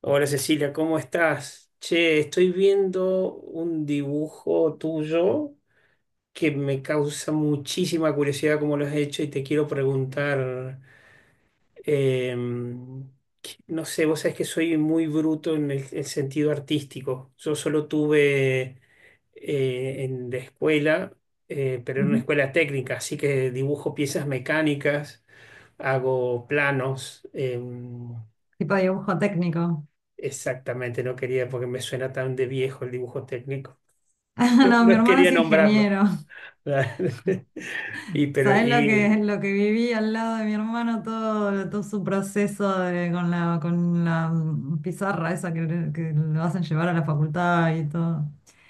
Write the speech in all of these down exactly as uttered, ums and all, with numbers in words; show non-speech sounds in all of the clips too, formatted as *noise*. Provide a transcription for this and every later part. Hola Cecilia, ¿cómo estás? Che, estoy viendo un dibujo tuyo que me causa muchísima curiosidad cómo lo has hecho y te quiero preguntar, em, que- no sé, vos sabés que soy muy bruto en el, el sentido artístico. Yo solo tuve eh, en la escuela, eh, pero en una Ujú. escuela técnica, así que dibujo piezas mecánicas, hago planos. em, Tipo dibujo técnico. *laughs* Exactamente, no quería, porque me suena tan de viejo el dibujo técnico. Ah, *laughs* no, mi No hermano quería es nombrarlo. ingeniero. *laughs* Y, pero, ¿Sabes lo que, y lo que viví al lado de mi hermano? Todo, todo su proceso de- con la, con la mm, pizarra esa que, le- que lo hacen llevar a la facultad y todo.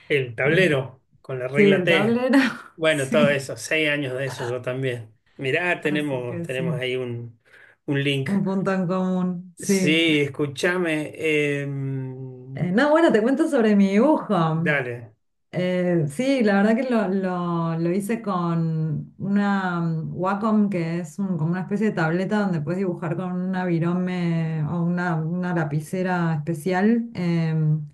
el Eh, tablero con la sí, regla el T. tablero, *laughs* Bueno, todo sí. eso, seis años de eso yo también. Mirá, Así tenemos, que tenemos sí, ahí un, un link. un punto en común, sí. Sí, escúchame. Eh, em, no, bueno, te cuento sobre mi dibujo. Dale. Eh, sí, la verdad que lo, lo- lo hice con una mm, Wacom, que es un- como una especie de tableta donde puedes dibujar con una virome o una, una lapicera especial, em,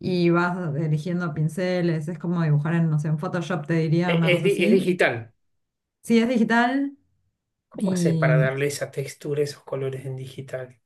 y vas eligiendo pinceles. Es como dibujar en, no sé, en Photoshop, te diría, E- una Es, cosa di- es así. digital. Sí, es digital ¿Cómo haces y, para darle esa textura, esos colores en digital?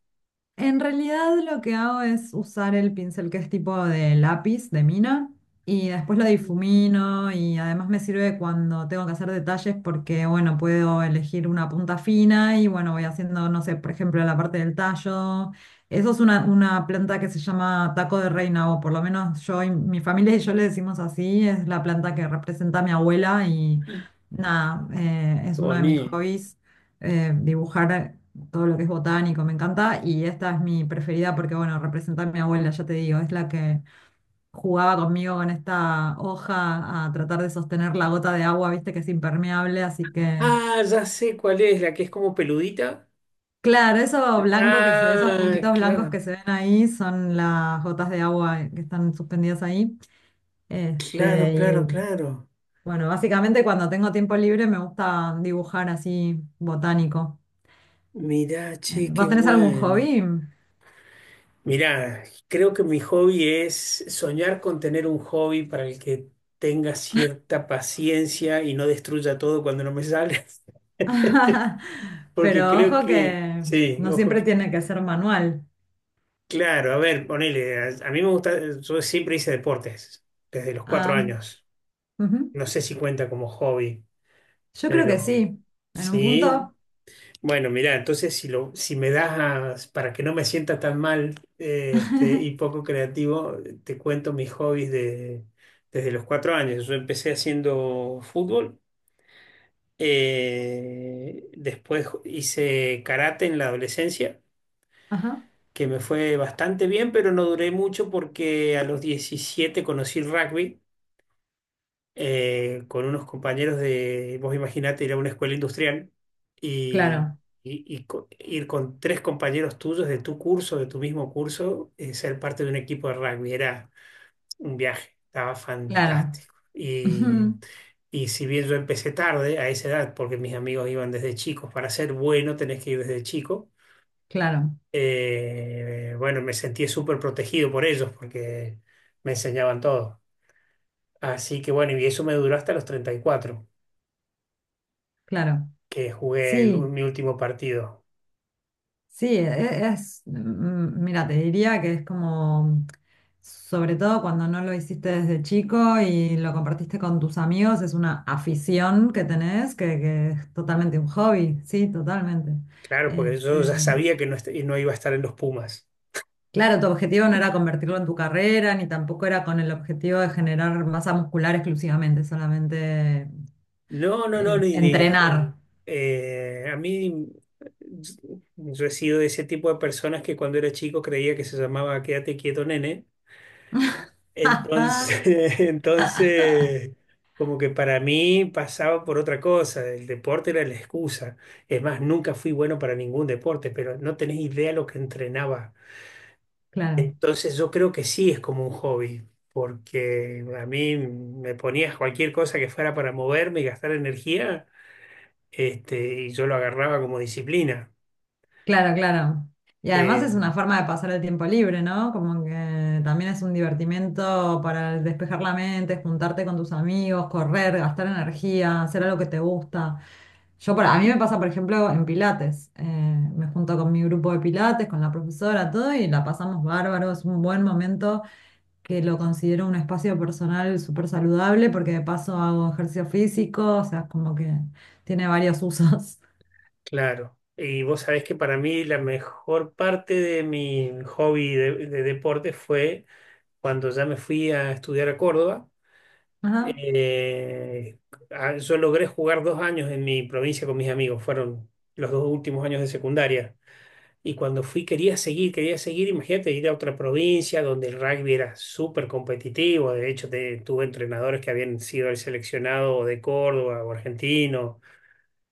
en realidad, lo que hago es usar el pincel que es tipo de lápiz, de mina, y después lo difumino, y además me sirve cuando tengo que hacer detalles porque, bueno, puedo elegir una punta fina y, bueno, voy haciendo, no sé, por ejemplo, la parte del tallo. Eso es una, una planta que se llama taco de reina, o por lo menos yo y mi familia y yo le decimos así. Es la planta que representa a mi abuela y nada, eh, Qué es uno de mis bonito. hobbies, eh, dibujar todo lo que es botánico, me encanta. Y esta es mi preferida porque, bueno, representa a mi abuela, ya te digo, es la que jugaba conmigo con esta hoja a tratar de sostener la gota de agua, viste que es impermeable, así que, Ah, ya sé cuál es, la que es como peludita. claro, eso blanco que se ve, esos Ah, puntitos blancos claro, que se ven ahí son las gotas de agua que están suspendidas ahí. claro, Este, y claro, claro. bueno, básicamente cuando tengo tiempo libre me gusta dibujar así botánico. Mirá, Eh, che, ¿Vos qué tenés algún bueno. hobby? Mirá, creo que mi hobby es soñar con tener un hobby para el que tenga cierta paciencia y no destruya todo cuando no me sale. *laughs* *laughs* Porque Pero creo ojo que, que sí, no ojo, siempre que- tiene que ser manual. claro, a ver, ponele, a, a mí me gusta, yo siempre hice deportes, desde los cuatro Ah, años. ujú. No sé si cuenta como hobby, Yo creo que pero sí, en un sí. punto. Bueno, mira, entonces si, lo, si me das a- para que no me sienta tan mal, eh, este, y *laughs* poco creativo, te cuento mis hobbies de, desde los cuatro años. Yo empecé haciendo fútbol, eh, después hice karate en la adolescencia, Ajá. que me fue bastante bien, pero no duré mucho porque a los diecisiete conocí el rugby, eh, con unos compañeros de, vos imaginate ir a una escuela industrial y, Claro, y- y co- ir con tres compañeros tuyos de tu curso, de tu mismo curso, eh, ser parte de un equipo de rugby. Era un viaje, estaba claro. fantástico. Y, Ujú. y si bien yo empecé tarde a esa edad, porque mis amigos iban desde chicos, para ser bueno tenés que ir desde chico. Claro, Eh, bueno, me sentí súper protegido por ellos porque me enseñaban todo. Así que bueno, y eso me duró hasta los treinta y cuatro. claro. Que jugué el u- Sí, mi último partido. sí, e- e, es, mm, mira, te diría que es como, sobre todo cuando no lo hiciste desde chico y lo compartiste con tus amigos, es una afición que tenés, que, que es totalmente un hobby, sí, totalmente. Claro, porque yo ya Este, sabía que no, est- no iba a estar en los Pumas. claro, tu objetivo no era convertirlo en tu carrera, ni tampoco era con el objetivo de generar masa muscular exclusivamente, solamente No, no, no, eh, ni dijo. entrenar. Eh, a mí, yo he sido de ese tipo de personas que cuando era chico creía que se llamaba Quédate quieto, nene. *laughs* Entonces, *laughs* entonces, como que para mí pasaba por otra cosa, el deporte era la excusa. Es más, nunca fui bueno para ningún deporte, pero no tenés idea lo que entrenaba. Claro, Entonces yo creo que sí es como un hobby, porque a mí me ponías cualquier cosa que fuera para moverme y gastar energía, este, y yo lo agarraba como disciplina. claro, claro. Y además es Eh, una forma de pasar el tiempo libre, ¿no? Como que también es un divertimento para despejar la mente, juntarte con tus amigos, correr, gastar energía, hacer algo que te gusta. Yo, por- a mí me pasa, por ejemplo, en Pilates. Eh, me junto con mi grupo de Pilates, con la profesora, todo, y la pasamos bárbaro. Es un buen momento que lo considero un espacio personal súper saludable porque de paso hago ejercicio físico, o sea, como que tiene varios usos. claro. Y vos sabés que para mí la mejor parte de mi hobby de, de deporte fue cuando ya me fui a estudiar a Córdoba. *laughs* Ajá, Eh, a- yo logré jugar dos años en mi provincia con mis amigos, fueron los dos últimos años de secundaria. Y cuando fui quería seguir, quería seguir, imagínate ir a otra provincia donde el rugby era súper competitivo, de hecho te- tuve entrenadores que habían sido el seleccionado de Córdoba o argentino,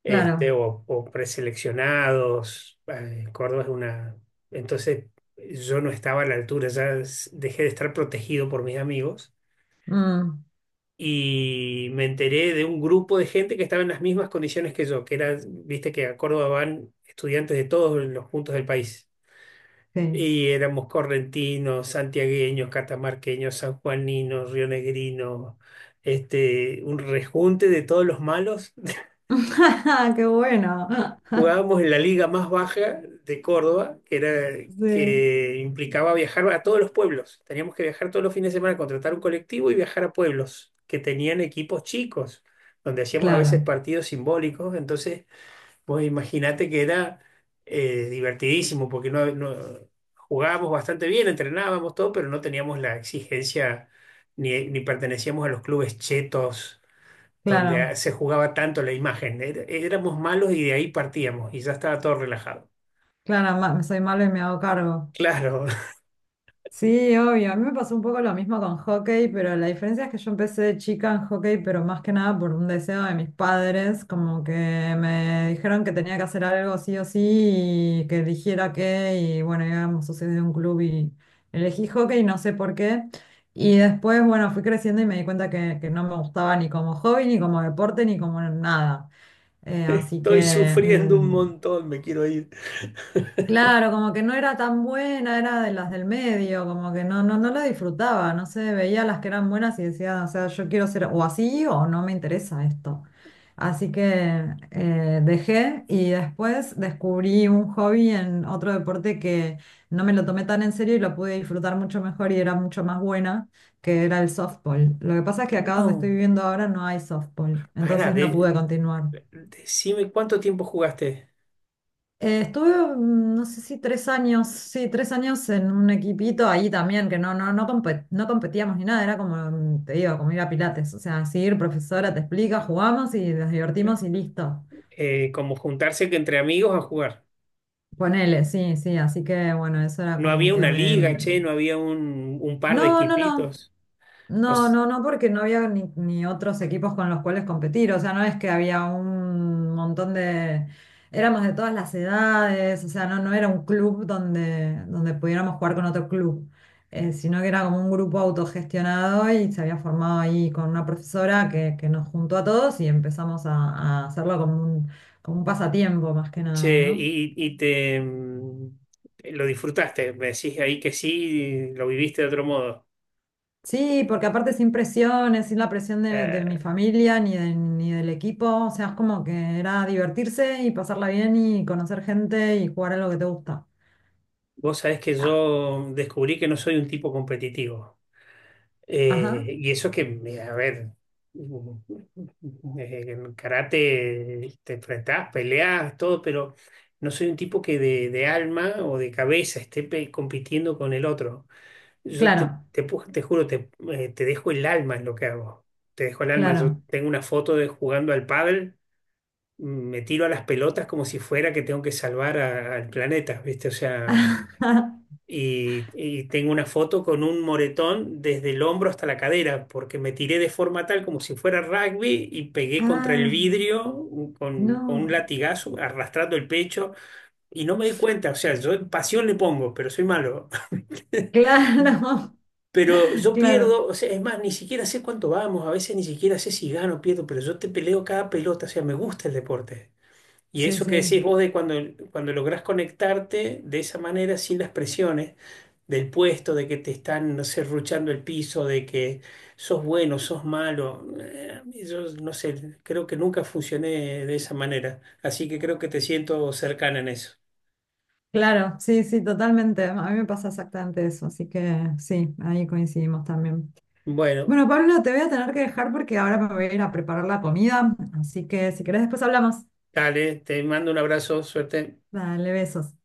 este, claro. o, o preseleccionados, eh, Córdoba es una... Entonces yo no estaba a la altura, ya s- dejé de estar protegido por mis amigos Mm, y me enteré de un grupo de gente que estaba en las mismas condiciones que yo, que era, viste que a Córdoba van estudiantes de todos los puntos del país. sí. Y éramos correntinos, santiagueños, catamarqueños, sanjuaninos, rionegrinos, este, un rejunte de todos los malos. *laughs* *laughs* Qué bueno. *laughs* Jugábamos en la liga más baja de Córdoba, que era, Sí, que implicaba viajar a todos los pueblos. Teníamos que viajar todos los fines de semana, contratar un colectivo y viajar a pueblos que tenían equipos chicos, donde hacíamos a veces claro, partidos simbólicos. Entonces pues imagínate que era, eh, divertidísimo, porque no, no- jugábamos bastante bien, entrenábamos todo, pero no teníamos la exigencia ni, ni pertenecíamos a los clubes chetos donde ah, claro, se jugaba tanto la imagen. Era- éramos malos y de ahí partíamos y ya estaba todo relajado. claro, ma- soy malo y me hago cargo. Claro, Sí, obvio. A mí me pasó un poco lo mismo con hockey, pero la diferencia es que yo empecé de chica en hockey, pero más que nada por un deseo de mis padres, como que me dijeron que tenía que hacer algo sí o sí y que eligiera qué, y bueno, íbamos socios de un club y elegí hockey, no sé por qué. Y después, bueno, fui creciendo y me di cuenta que, que no me gustaba ni como hobby, ni como deporte, ni como nada. Eh, *laughs* así estoy que... sufriendo un mm, montón, me quiero ir. claro, como que no era tan buena, era de las del medio, como que no, no, no la disfrutaba, no sé, veía las que eran buenas y decía, o sea, yo quiero ser o así o no me interesa esto. Así que eh, dejé y después descubrí un hobby en otro deporte que no me lo tomé tan en serio y lo pude disfrutar mucho mejor y era mucho más buena, que era el softball. Lo que pasa es que acá donde estoy No, viviendo ahora no hay softball, para, entonces no de, pude continuar. decime cuánto tiempo jugaste. Eh, estuve, mm, no sé si tres años, sí, tres años en un equipito ahí también, que no, no, no compe- no competíamos ni nada, era como, mm, te digo, como ir a Pilates, o sea, sí, ir, profesora te explica, jugamos y nos divertimos y listo. Eh, como juntarse que entre amigos a jugar. Ponele, sí, sí, así que bueno, eso era No como había que una me, liga, che, mm, no había un, un par de no, no, no. equipitos. No No, s- no, no, porque no había ni, ni otros equipos con los cuales competir. O sea, no es que había un montón de... Éramos de todas las edades, o sea, no, no era un club donde, donde pudiéramos jugar con otro club, eh, sino que era como un grupo autogestionado y se había formado ahí con una profesora que, que nos juntó a todos y empezamos a, a hacerlo como un, como un pasatiempo más que nada, Che, ¿no? y, y te mm, lo disfrutaste, me decís ahí que sí, lo viviste de otro modo. Sí, porque aparte sin presiones, sin la presión de, de Eh, mi familia ni, de- ni del equipo, o sea, es como que era divertirse y pasarla bien y conocer gente y jugar a lo que te gusta. vos sabés que Ah, yo descubrí que no soy un tipo competitivo. ajá, Eh, y eso que, eh, a ver, mm, eh, en karate te enfrentás, peleás, todo, pero no soy un tipo que de, de alma o de cabeza esté pe- compitiendo con el otro. Yo te, claro, te, pu- te juro, te, eh, te dejo el alma en lo que hago. Te dejo el alma. Yo claro. tengo una foto de jugando al pádel, me tiro a las pelotas como si fuera que tengo que salvar a- al planeta, ¿viste? O sea, *laughs* y, y tengo una foto con un moretón desde el hombro hasta la cadera, porque me tiré de forma tal como si fuera rugby y pegué contra el Ah, vidrio con, con un no, latigazo, arrastrando el pecho, y no me di cuenta. O sea, yo pasión le pongo, pero soy malo. *laughs* claro, Pero *laughs* yo claro, pierdo, o sea, es más, ni siquiera sé cuánto vamos, a veces ni siquiera sé si gano o pierdo, pero yo te peleo cada pelota, o sea, me gusta el deporte. Y sí, eso que sí, decís vos de cuando, cuando lográs conectarte de esa manera, sin las presiones del puesto, de que te están, no sé, ruchando el piso, de que sos bueno, sos malo. Eh, yo no sé, creo que nunca funcioné de esa manera. Así que creo que te siento cercana en eso. claro, sí, sí, totalmente. A mí me pasa exactamente eso, así que sí, ahí coincidimos también. Bueno, Bueno, Pablo, te voy a tener que dejar porque ahora me voy a ir a preparar la comida, así que si querés después hablamos. dale, te mando un abrazo, suerte. Dale, besos.